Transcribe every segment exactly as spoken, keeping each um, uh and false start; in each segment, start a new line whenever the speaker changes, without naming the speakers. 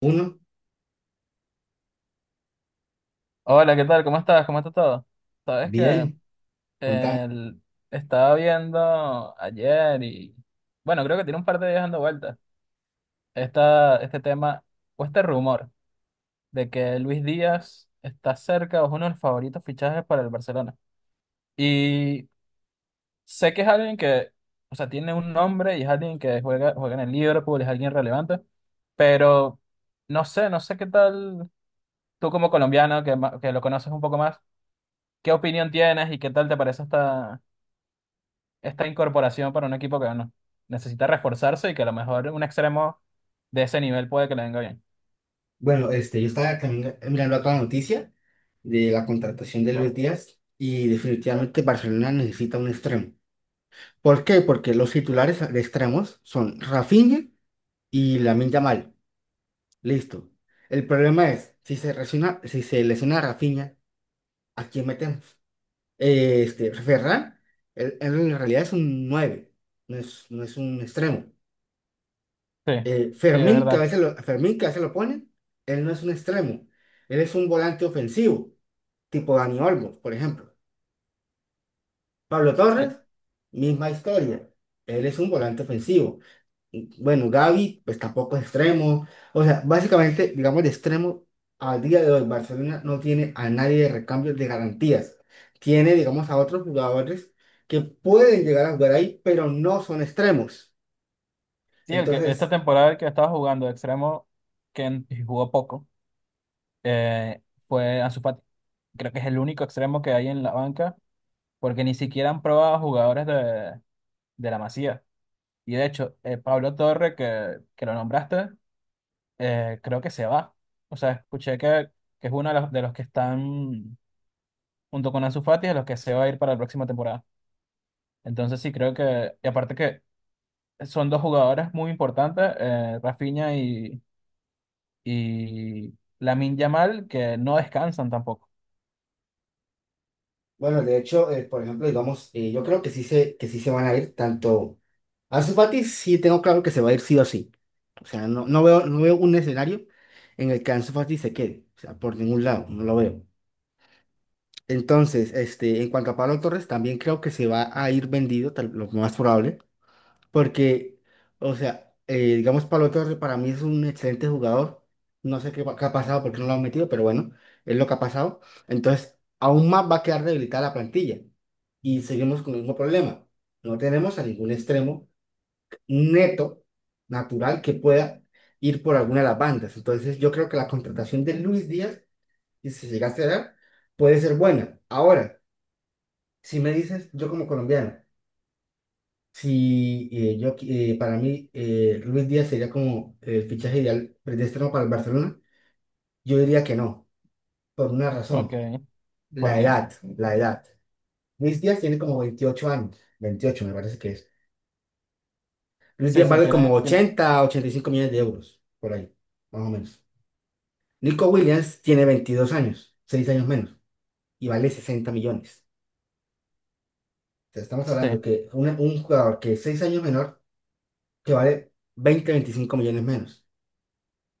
Uno,
Hola, ¿qué tal? ¿Cómo estás? ¿Cómo está todo? Sabes que
bien, contamos.
el- estaba viendo ayer y bueno, creo que tiene un par de días dando vueltas esta, este tema o este rumor de que Luis Díaz está cerca o es uno de los favoritos fichajes para el Barcelona. Y sé que es alguien que, o sea, tiene un nombre y es alguien que juega, juega en el Liverpool, es alguien relevante, pero no sé, no sé qué tal tú como colombiano que, ma- que lo conoces un poco más, ¿qué opinión tienes y qué tal te parece esta esta incorporación para un equipo que, bueno, necesita reforzarse y que a lo mejor un extremo de ese nivel puede que le venga bien.
Bueno, este, yo estaba también mirando acá la noticia de la contratación de Luis Díaz, y definitivamente Barcelona necesita un extremo. ¿Por qué? Porque los titulares de extremos son Rafinha y Lamine Yamal. Listo. El problema es, si se lesiona, si se lesiona Rafinha, ¿a quién metemos? Este, Ferran, él- él en realidad es un nueve, no es, no es un extremo.
Sí,
eh,
sí, es
Fermín, que a
verdad.
veces lo, Fermín, que a veces lo ponen, él no es un extremo, él es un volante ofensivo, tipo Dani Olmo, por ejemplo. Pablo
Sí,
Torres, misma historia, él es un volante ofensivo. Y, Bueno, Gavi, pues tampoco es extremo. O sea, básicamente, digamos, de extremo, al día de hoy, Barcelona no tiene a nadie de recambio de garantías. Tiene, digamos, a otros jugadores que pueden llegar a jugar ahí, pero no son extremos.
sí, el que, esta
Entonces,
temporada el que estaba jugando de extremo, que en- y jugó poco, eh, fue Ansu Fati. Creo que es el único extremo que hay en la banca, porque ni siquiera han probado jugadores de, de la Masía. Y de hecho, eh, Pablo Torre, que, que lo nombraste, eh, creo que se va. O sea, escuché que, que es uno de los, de los que están, junto con Ansu Fati, a los que se va a ir para la próxima temporada. Entonces sí, creo que, y aparte que son dos jugadores muy importantes, eh, Rafinha y, y Lamine Yamal, que no descansan tampoco.
Bueno, de hecho, eh, por ejemplo, digamos, eh, yo creo que sí se, que sí se van a ir tanto. Ansu Fati sí tengo claro que se va a ir sí o sí. O sea, no, no veo, no veo un escenario en el que Ansu Fati se quede. O sea, por ningún lado, no lo veo. Entonces, este, en cuanto a Pablo Torres, también creo que se va a ir vendido, tal- lo más probable. Porque, o sea, eh, digamos, Pablo Torre para mí es un excelente jugador. No sé qué, va- qué ha pasado, porque no lo han metido, pero bueno, es lo que ha pasado. Entonces, aún más va a quedar debilitada la plantilla. Y seguimos con el mismo problema. No tenemos a ningún extremo neto, natural, que pueda ir por alguna de las bandas. Entonces, yo creo que la contratación de Luis Díaz, y si se llega a cerrar, puede ser buena. Ahora, si me dices, yo como colombiano, si eh, yo, qui- eh, para mí, eh, Luis Díaz sería como el fichaje ideal predestinado para el Barcelona. Yo diría que no, por una
Ok,
razón,
¿por
la
qué?
edad, la edad. Luis Díaz tiene como veintiocho años, veintiocho me parece que es. Luis
Sí,
Díaz
sí,
vale
tiene,
como
tiene,
ochenta, ochenta y cinco millones de euros, por ahí, más o menos. Nico Williams tiene veintidós años, seis años menos, y vale sesenta millones. O sea, estamos
sí,
hablando que una- un jugador que es seis años menor, que vale veinte, veinticinco millones menos,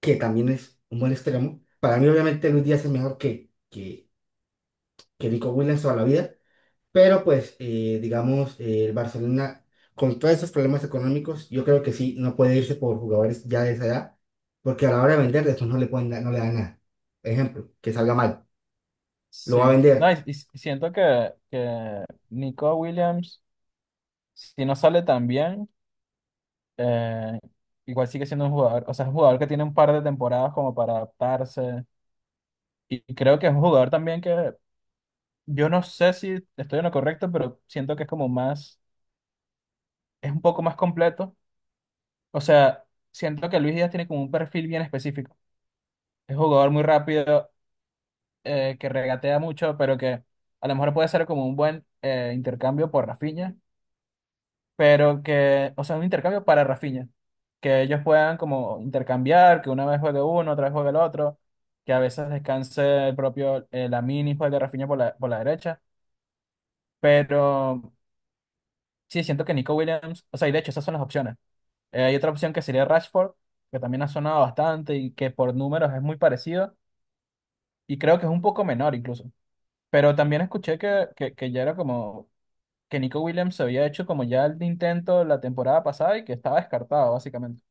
que también es un buen extremo. Para mí, obviamente, Luis Díaz es mejor que, que, que Nico Williams toda la vida, pero pues, eh, digamos, eh, el Barcelona, con todos esos problemas económicos, yo creo que sí, no puede irse por jugadores ya de esa edad, porque a la hora de vender, después no le pueden dar- no le dan nada. Ejemplo, que salga mal, lo va a
sí. No, y,
vender.
y siento que, que Nico Williams, si no sale tan bien, eh, igual sigue siendo un jugador, o sea, es un jugador que tiene un par de temporadas como para adaptarse. Y y creo que es un jugador también que yo no sé si estoy en lo correcto, pero siento que es como más, es un poco más completo. O sea, siento que Luis Díaz tiene como un perfil bien específico. Es un jugador muy rápido, eh, que regatea mucho, pero que a lo mejor puede ser como un buen eh, intercambio por Rafinha, pero que, o sea, un intercambio para Rafinha. Que ellos puedan como intercambiar, que una vez juegue uno, otra vez juegue el otro, que a veces descanse el propio eh, Lamine y juegue Rafinha por la, por la derecha. Pero sí, siento que Nico Williams, o sea, y de hecho, esas son las opciones. Eh, hay otra opción que sería Rashford, que también ha sonado bastante y que por números es muy parecido y creo que es un poco menor incluso. Pero también escuché que, que, que ya era como que Nico Williams se había hecho como ya el intento la temporada pasada y que estaba descartado básicamente.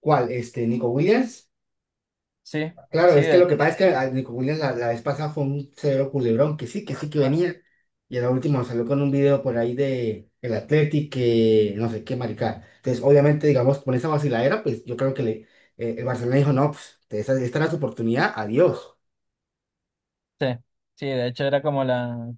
¿Cuál? Este, Nico Williams.
Sí,
Claro,
sí,
es que lo
de,
que pasa es que a Nico Williams la, la vez pasada fue un severo culebrón, que sí, que sí que venía. Y en la última salió con un video por ahí de el Athletic, que no sé qué maricada. Entonces, obviamente, digamos, con esa vaciladera, pues yo creo que le, eh, el Barcelona dijo, no, pues esta, esta era su oportunidad, adiós.
sí, sí, de hecho era como la…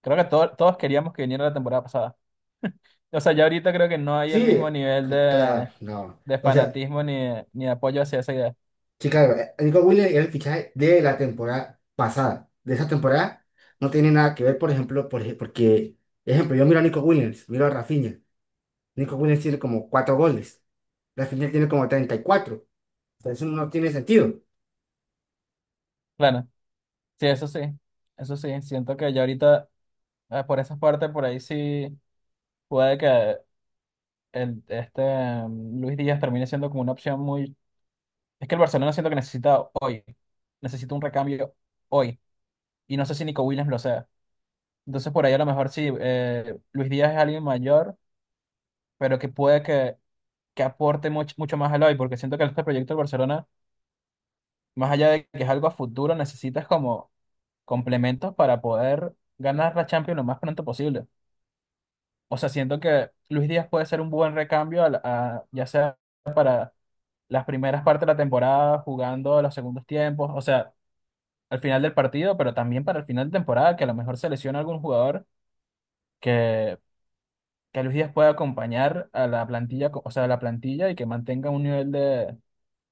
Creo que to- todos queríamos que viniera la temporada pasada. O sea, ya ahorita creo que no hay
Sí,
el mismo nivel
c-
de,
claro, no.
de
O sea,
fanatismo ni de- ni de apoyo hacia esa idea.
sí, claro, eh, Nico Williams era el fichaje de la temporada pasada. De esa temporada no tiene nada que ver, por ejemplo, por, ej- porque, ejemplo, yo miro a Nico Williams, miro a Rafinha. Nico Williams tiene como cuatro goles. La final tiene como treinta y cuatro. O sea, eso no tiene sentido.
Claro. Sí, eso sí, eso sí, siento que ya ahorita eh, por esas partes, por ahí sí puede que el, este mm, Luis Díaz termine siendo como una opción muy… Es que el Barcelona siento que necesita hoy, necesita un recambio hoy, y no sé si Nico Williams lo sea. Entonces por ahí a lo mejor sí, eh, Luis Díaz es alguien mayor, pero que puede que, que aporte mucho, mucho más al hoy, porque siento que este proyecto del Barcelona, más allá de que es algo a futuro, necesitas como complementos para poder ganar la Champions lo más pronto posible. O sea, siento que Luis Díaz puede ser un buen recambio, a la- a- ya sea para las primeras partes de la temporada, jugando los segundos tiempos, o sea, al final del partido, pero también para el final de temporada, que a lo mejor se lesiona algún jugador que, que Luis Díaz pueda acompañar a la plantilla, co- o sea, a la plantilla y que mantenga un nivel de,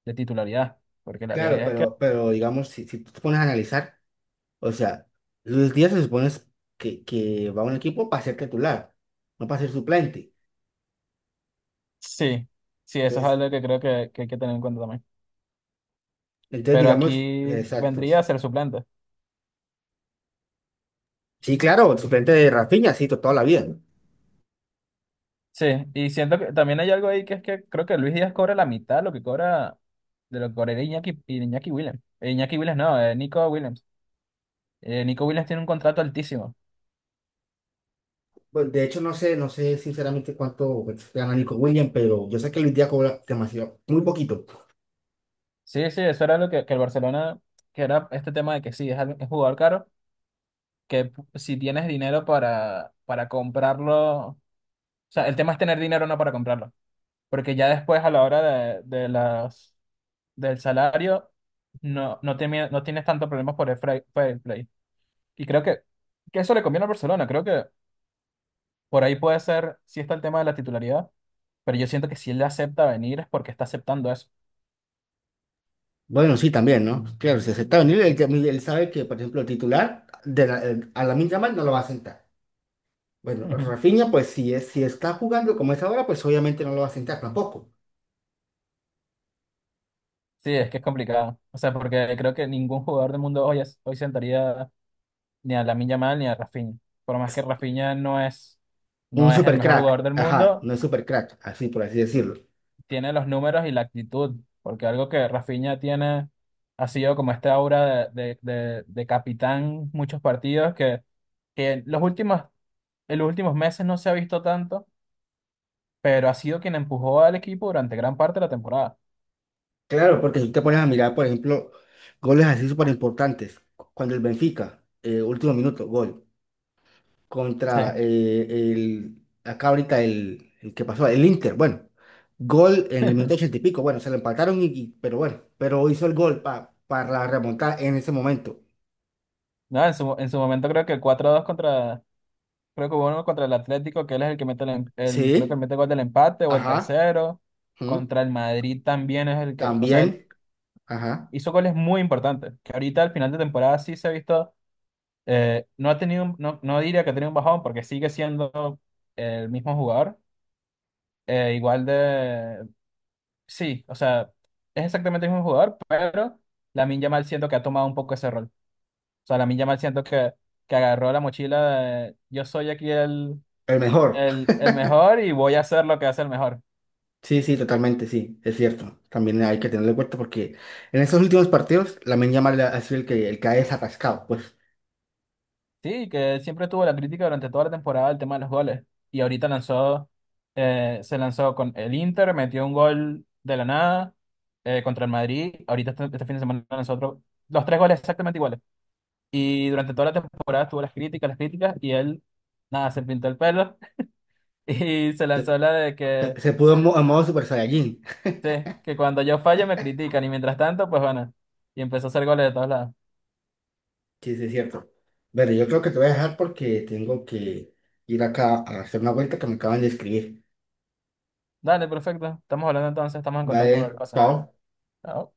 de titularidad, porque la
Claro,
realidad es que
pero, pero digamos, si, si tú te pones a analizar, o sea, Luis Díaz se supone es que, que va a un equipo para ser titular, no para ser suplente.
sí, sí, eso es
Entonces,
algo que creo que, que hay que tener en cuenta también.
entonces
Pero
digamos, eh,
aquí
exacto.
vendría a ser suplente.
Sí, claro, el suplente de Rafinha, sí, to- toda la vida, ¿no?
Sí, y siento que también hay algo ahí que es que creo que Luis Díaz cobra la mitad de lo que cobra, de lo que cobraría Iñaki, Iñaki Williams. Eh, Iñaki Williams no, eh, Nico Williams. Eh, Nico Williams tiene un contrato altísimo.
Pues, de hecho, no sé, no sé sinceramente cuánto pues, gana Nico Williams, pero yo sé que Luis Díaz cobra demasiado, muy poquito.
Sí, sí, eso era lo que, que el Barcelona, que era este tema de que sí, es, al- es jugador caro, que p- si tienes dinero para, para comprarlo, o sea, el tema es tener dinero no para comprarlo, porque ya después a la hora de, de las, del salario no, no, temi- no tienes tanto problemas por el fra- fair play. Y creo que, que eso le conviene al Barcelona, creo que por ahí puede ser, si está el tema de la titularidad. Pero yo siento que si él acepta venir es porque está aceptando eso.
Bueno, sí, también, ¿no? Claro, si acepta está venir, él, él sabe que, por ejemplo, el titular de la- el- a la Yamal no lo va a sentar. Bueno,
Ujú.
Rafinha, pues si, es, si está jugando como es ahora, pues obviamente no lo va a sentar tampoco.
Sí, es que es complicado. O sea, porque creo que ningún jugador del mundo hoy, es- hoy sentaría ni a Lamine Yamal ni a Rafinha. Por más que Rafinha no es,
Un
no es el
super
mejor jugador
crack,
del
ajá,
mundo,
no es super crack, así por así decirlo.
tiene los números y la actitud. Porque algo que Rafinha tiene ha sido como esta aura de, de, de, de capitán, muchos partidos que, que los últimos, en los últimos meses no se ha visto tanto, pero ha sido quien empujó al equipo durante gran parte de la temporada.
Claro, porque si te pones a mirar, por ejemplo, goles así súper importantes, cu- cuando el Benfica, eh, último minuto, gol,
Sí.
contra eh, el, acá ahorita el, el que pasó, el Inter, bueno, gol en el minuto ochenta y pico, bueno, se lo empataron, y, y- pero bueno, pero hizo el gol pa- para remontar en ese momento.
No, en su, en su momento creo que cuatro dos contra, creo que hubo uno contra el Atlético, que él es el que mete el, em-
Sí,
el- creo que mete gol del empate o el
ajá,
tercero.
ujú,
Contra el Madrid también es el que, o sea, él
también. Ajá.
hizo goles muy importantes, que ahorita al final de temporada sí se ha visto, eh, no ha tenido, un- no, no diría que ha tenido un bajón porque sigue siendo el mismo jugador, eh, igual de, sí, o sea, es exactamente el mismo jugador, pero Lamine Yamal siento que ha tomado un poco ese rol. O sea, Lamine Yamal siento que que agarró la mochila de yo soy aquí el,
El mejor.
El, el mejor y voy a hacer lo que hace el mejor.
Sí, sí, totalmente, sí, es cierto. También hay que tenerlo en cuenta porque en estos últimos partidos, la Yamal ha sido el que, el que ha desatascado, pues.
Sí, que siempre tuvo la crítica durante toda la temporada el tema de los goles. Y ahorita lanzó, eh, se lanzó con el Inter, metió un gol de la nada, eh, contra el Madrid. Ahorita este, este fin de semana lanzó otro, los tres goles exactamente iguales. Y durante toda la temporada tuvo las críticas, las críticas, y él, nada, se pintó el pelo y se
Se,
lanzó la de
se-
que,
Se pudo en, mo- en modo Super Saiyajin.
sí, que cuando yo fallo me critican y mientras tanto, pues bueno, y empezó a hacer goles de todos lados.
Sí, sí, es cierto. Bueno, yo creo que te voy a dejar porque tengo que ir acá a hacer una vuelta que me acaban de escribir.
Dale, perfecto. Estamos hablando entonces, estamos en contacto con la
Vale,
cosa.
chao.
Chao.